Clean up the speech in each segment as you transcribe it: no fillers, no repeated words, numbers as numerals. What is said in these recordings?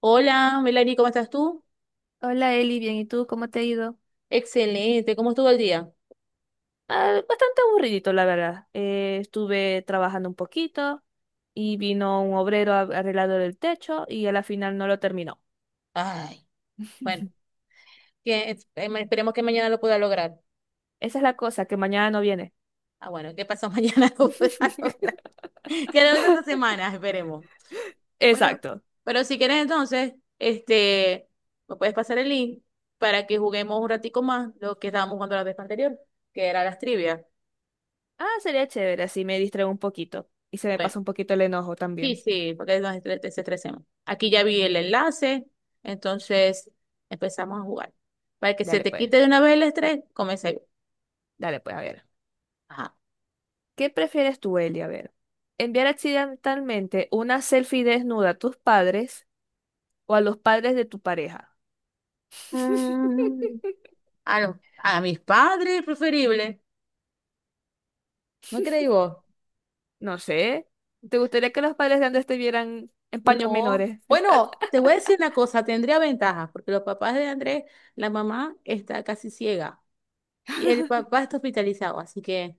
Hola, Melanie, ¿cómo estás tú? Hola Eli, bien, ¿y tú cómo te ha ido? Excelente, ¿cómo estuvo el día? Ah, bastante aburridito, la verdad. Estuve trabajando un poquito y vino un obrero a arreglado el techo y a la final no lo terminó. Ay, bueno, que, esperemos que mañana lo pueda lograr. Esa es la cosa, que mañana no viene. Ah, bueno, ¿qué pasó mañana lo pueda lograr? Que logre esta semana, esperemos. Bueno, Exacto. pero si quieres entonces, este, me puedes pasar el link para que juguemos un ratico más lo que estábamos jugando la vez anterior, que era las trivias. Ah, sería chévere, así me distraigo un poquito y se me Bueno, pasa un poquito el enojo sí, también. sí, porque es donde se estresemos. Aquí ya vi el enlace, entonces empezamos a jugar. Para que se Dale te pues, quite de una vez el estrés, comencé yo. dale pues, a ver. Ajá. ¿Qué prefieres tú, Eli? A ver. ¿Enviar accidentalmente una selfie desnuda a tus padres o a los padres de tu pareja? Mm, a mis padres, preferible. ¿No creí vos? No sé. ¿Te gustaría que los padres de Andrés te vieran en paños No. menores? Bueno, te voy a decir una cosa, tendría ventajas, porque los papás de Andrés, la mamá está casi ciega y el papá está hospitalizado, así que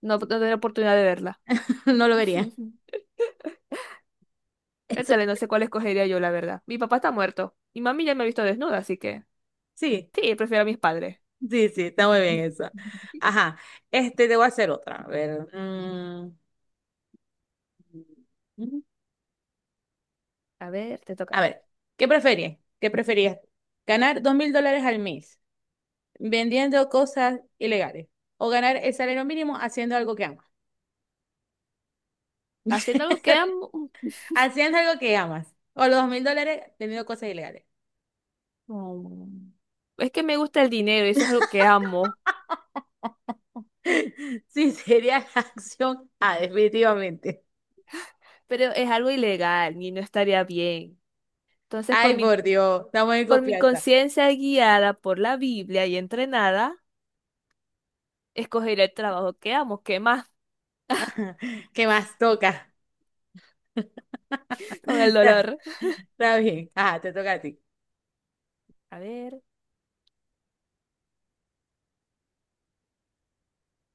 No, no tener oportunidad de verla. no lo vería. El Eso- tal, no sé cuál escogería yo, la verdad. Mi papá está muerto. Mi mami ya me ha visto desnuda, así que Sí. sí, prefiero a mis padres. Sí, sí, está muy bien eso. Ajá, este te voy a hacer otra. A ver. Mm, A ver, te a toca. ver, ¿qué preferías? ¿Qué preferías? ¿Ganar $2,000 al mes vendiendo cosas ilegales? ¿O ganar el salario mínimo haciendo algo que amas? Haciendo algo que amo. Haciendo algo que amas. O los $2,000 teniendo cosas ilegales. Mm. Es que me gusta el dinero, eso es algo que amo, Sí, sería la acción A, definitivamente. pero es algo ilegal y no estaría bien. Entonces, Ay, por Dios, estamos en por mi confianza. conciencia guiada por la Biblia y entrenada, escogeré el trabajo que amo, ¿qué más? ¿Qué más toca? Con el Está dolor. está bien. Ajá, te toca a ti. A ver,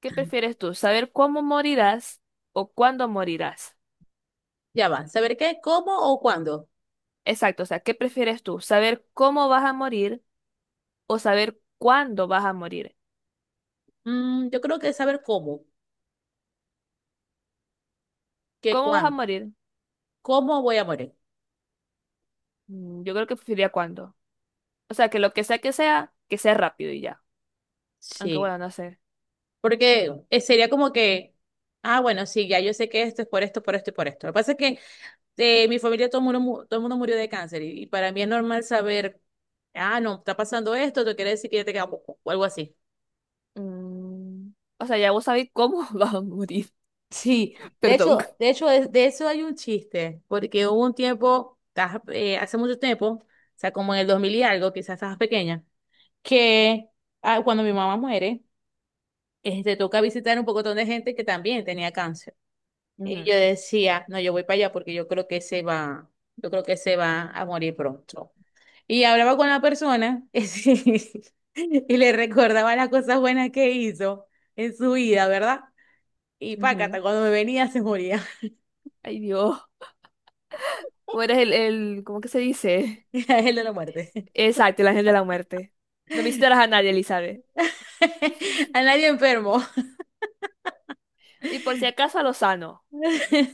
¿qué prefieres tú? ¿Saber cómo morirás o cuándo morirás? Ya va. ¿Saber qué, cómo o cuándo? Exacto, o sea, ¿qué prefieres tú? ¿Saber cómo vas a morir o saber cuándo vas a morir? Yo creo que saber cómo, que ¿Cómo vas a cuándo, morir? cómo voy a morir. Mm, yo creo que preferiría cuándo. O sea, que lo que sea que sea, que sea rápido y ya. Aunque Sí, bueno, no sé. porque sería como que, ah, bueno, sí, ya yo sé que esto es por esto y por esto. Lo que pasa es que de mi familia todo el mundo, todo el mundo murió de cáncer y para mí es normal saber, ah, no, está pasando esto, te quiere decir que ya te queda poco o algo así. Mm, o sea, ya vos sabés cómo vas a morir. Sí, de Perdón. hecho, de hecho, de eso hay un chiste, porque hubo un tiempo, hace mucho tiempo, o sea, como en el 2000 y algo, quizás estabas pequeña. que Cuando mi mamá muere, te toca visitar un pocotón de gente que también tenía cáncer. Y yo Ujú, decía, no, yo voy para allá porque yo creo que se va, yo creo que se va a morir pronto. Y hablaba con la persona y le recordaba las cosas buenas que hizo en su vida, ¿verdad? Y ujú. pácata, cuando me venía se moría. Ay, Dios. O eres el, ¿cómo que se dice? Era el de la muerte. Exacto, el ángel de la muerte. No visitarás a nadie, Elizabeth. A nadie enfermo. Y por si acaso a Lozano.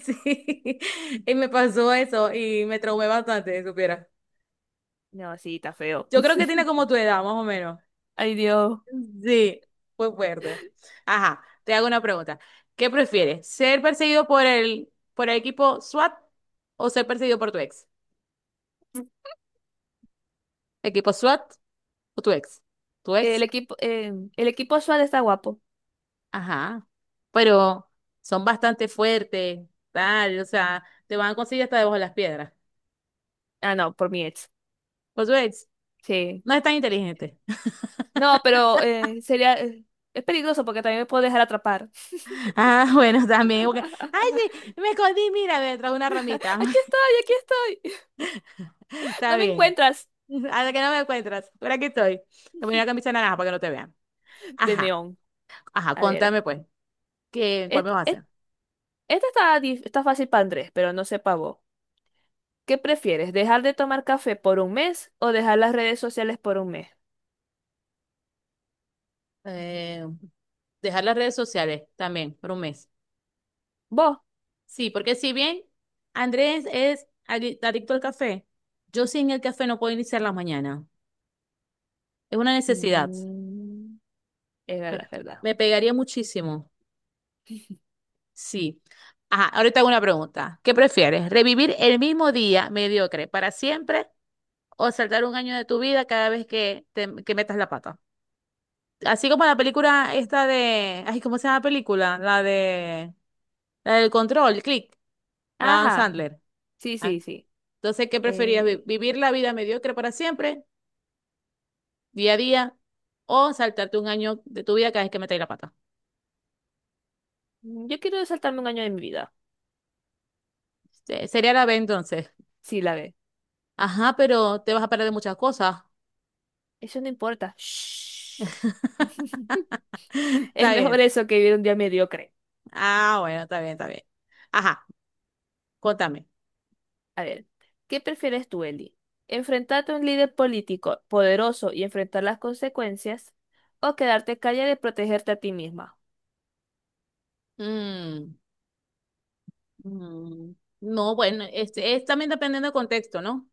Sí. Y me pasó eso y me traumé bastante, si supiera. No, sí, está feo. Yo creo que tiene como tu edad, más o menos. Ay, Dios. Sí, pues verde. Ajá, te hago una pregunta. ¿Qué prefieres? ¿Ser perseguido por el equipo SWAT o ser perseguido por tu ex? ¿Equipo SWAT o tu ex? ¿Tu ex? El equipo Suárez está guapo. Ajá. Pero son bastante fuertes, o sea, te van a conseguir hasta debajo de las piedras. Ah, no, por mi ex. Por tu ex, Sí. no es tan inteligente. No, pero sería. Es peligroso porque también me puedo dejar atrapar. Ah, bueno, también. Ay, sí, me escondí, mira, detrás de una ramita. Aquí estoy, aquí estoy. Está No me bien. encuentras. Hasta que no me encuentras. Por aquí estoy. Te pongo una camisa naranja para que no te vean. De Ajá. neón. Ajá, A ver. contame pues, ¿cuál me et- vas a et- hacer? Esta está, está fácil para Andrés, pero no sé para vos. ¿Qué prefieres? ¿Dejar de tomar café por un mes o dejar las redes sociales por un mes? Eh, Dejar las redes sociales también por un mes. ¿Vos? Sí, porque si bien Andrés es adicto al café, yo sin el café no puedo iniciar la mañana. Es una necesidad. Mm, es Me, verdad, es verdad. me pegaría muchísimo. Sí. Ajá, ahorita hago una pregunta. ¿Qué prefieres? ¿Revivir el mismo día mediocre para siempre o saltar un año de tu vida cada vez que metas la pata? Así como la película esta Ay, ¿cómo se llama la película? La del control, click, la de Adam Ajá. Sandler. Sí, Ah, sí, sí. entonces, ¿qué preferías? Eh, ¿Vivir la vida mediocre para siempre, día a día, o saltarte un año de tu vida cada vez que metáis la pata? yo quiero saltarme 1 año de mi vida. Sería la B entonces. Sí, la ve. Ajá, pero te vas a perder de muchas cosas. Eso no importa. Shh. Es Está mejor bien. eso que vivir un día mediocre. Ah, bueno, está bien, está bien. Ajá, contame. A ver, ¿qué prefieres tú, Eli? ¿Enfrentarte a un líder político poderoso y enfrentar las consecuencias? ¿O quedarte callada y protegerte a ti misma? Mm, mm, no, bueno, este, es también dependiendo del contexto, ¿no?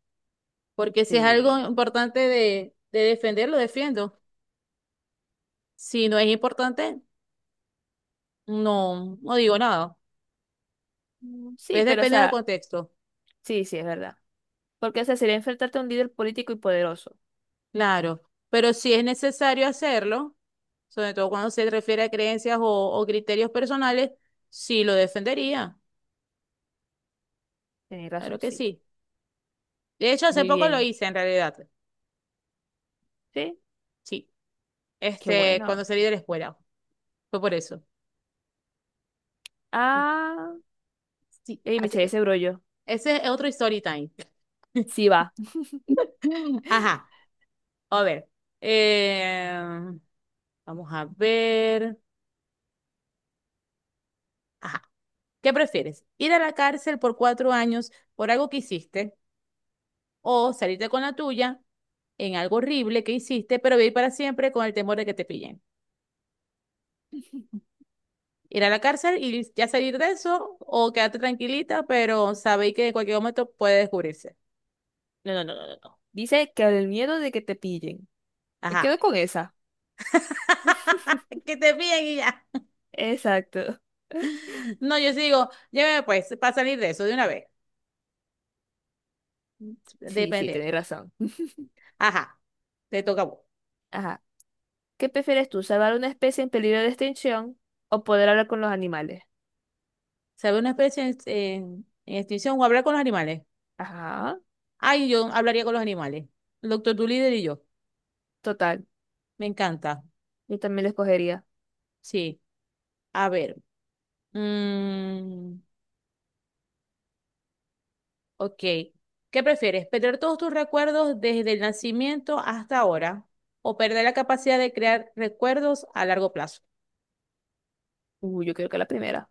Porque si es algo Sí. importante de defender, lo defiendo. Si no es importante, no, no digo nada. Mm, sí, Es pero o depende del sea, contexto, sí, sí, es verdad. Porque o sea, sería enfrentarte a un líder político y poderoso. claro. Pero si es necesario hacerlo, sobre todo cuando se refiere a creencias o criterios personales, sí lo defendería. Tienes Claro razón, que sí. sí. De hecho, hace Muy poco lo bien. hice en realidad. Sí, Sí. qué Este, bueno. cuando salí de la escuela. Fue por eso. Ah, Sí. y me Así eché que ese brollo. ese es otro story time. Sí va. Ajá. A ver. Eh, Vamos a ver. Ajá. ¿Qué prefieres? ¿Ir a la cárcel por 4 años por algo que hiciste o salirte con la tuya, en algo horrible que hiciste, pero vivir para siempre con el temor de que te pillen? ¿Ir a la cárcel y ya salir de eso, o quedarte tranquilita, pero sabéis que en cualquier momento puede descubrirse? No, no, no, no, no, no. Dice que el miedo de que te pillen. Me Ajá. quedo con esa. Que te pillen y ya. Exacto. No, yo sí digo, lléveme pues, para salir de eso de una vez. Sí, sí, Depende. tenés razón. Ajá. Te toca a vos. Ajá. ¿Qué prefieres tú, salvar una especie en peligro de extinción o poder hablar con los animales? ¿Sabe una especie en, en extinción o hablar con los animales? Ajá. Ay, yo hablaría con los animales. El doctor líder y yo. Total. Me encanta. Yo también la escogería. Sí. A ver. Mm, ok. ¿Qué prefieres? ¿Perder todos tus recuerdos desde el nacimiento hasta ahora? ¿O perder la capacidad de crear recuerdos a largo plazo? Yo creo que la primera.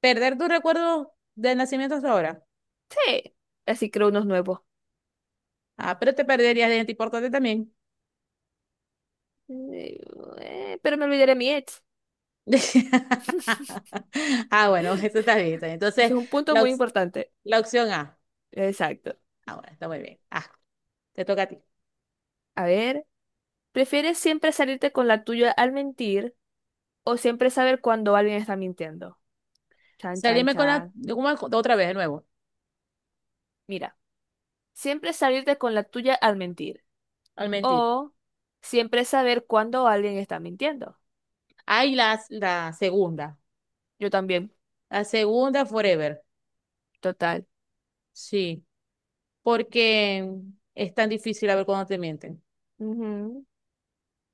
¿Perder tus recuerdos del nacimiento hasta ahora? Sí. Así creo unos nuevos. Ah, pero te perderías de gente importante también. Eh, pero me olvidaré de mi ex. Ah, bueno, eso está bien. Está bien. Entonces, Eso es un punto la, muy ops- importante. la opción A. Exacto. Ah, bueno, está muy bien. Ah, te toca a ti. A ver, ¿prefieres siempre salirte con la tuya al mentir o siempre saber cuando alguien está mintiendo? Chan, chan, Salirme con la... chan. ¿Cómo es? Otra vez, de nuevo. Mira, siempre salirte con la tuya al mentir. Al mentir. O siempre saber cuándo alguien está mintiendo. Ay, la segunda. Yo también, La segunda forever. total. Sí. Porque es tan difícil a ver cuando te mienten, Ujú.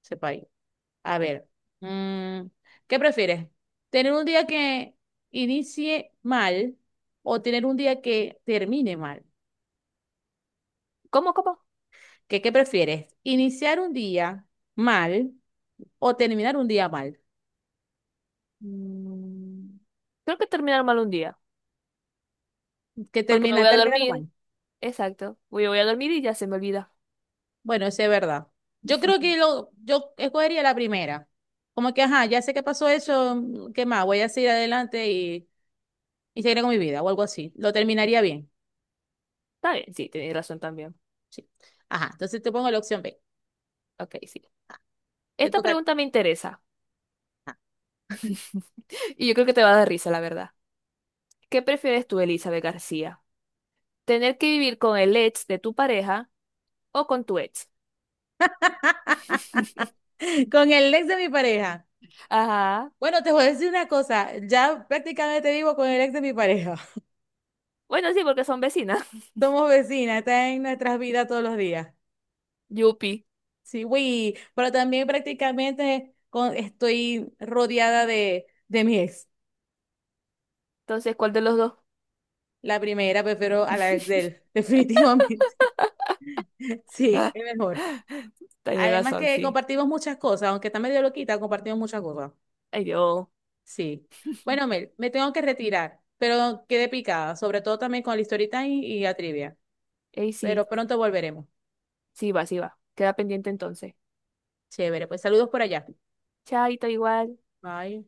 sepa ahí. A ver, mm, ¿qué prefieres? ¿Tener un día que inicie mal o tener un día que termine mal? ¿Cómo, cómo? ¿Qué prefieres? ¿Iniciar un día mal o terminar un día mal? Mm, creo que terminar mal un día. Porque me voy a Terminar mal. dormir. Exacto. Voy a dormir y ya se me olvida. Bueno, eso es verdad. Yo creo que yo escogería la primera. Como que, ajá, ya sé que pasó eso, ¿qué más? Voy a seguir adelante y seguiré con mi vida o algo así. Lo terminaría bien. Está bien, sí, tenéis razón también. Sí. Ajá, entonces te pongo la opción B. Ok, sí. Ah, te Esta toca a ti. pregunta me interesa. Ajá. Y yo creo que te va a dar risa, la verdad. ¿Qué prefieres tú, Elizabeth García? ¿Tener que vivir con el ex de tu pareja o con tu ex? Con el ex de mi pareja. Ajá. Bueno, te voy a decir una cosa, ya prácticamente vivo con el ex de mi pareja. Bueno, sí, porque son vecinas. Somos vecinas, está en nuestras vidas todos los días. Yupi. Sí, güey, pero también prácticamente estoy rodeada de mi ex. Entonces, ¿cuál de los dos? La primera prefiero a la ex de él, definitivamente. Sí, es mejor. Tiene Además razón, que sí. compartimos muchas cosas, aunque está medio loquita, compartimos muchas cosas. Ay, Dios. Sí. Bueno, Mel, me tengo que retirar, pero quedé picada, sobre todo también con la historita y la trivia. Ey, Pero sí. pronto volveremos. Sí va, sí va. Queda pendiente entonces. Chévere, pues saludos por allá. Chaito, igual. Bye.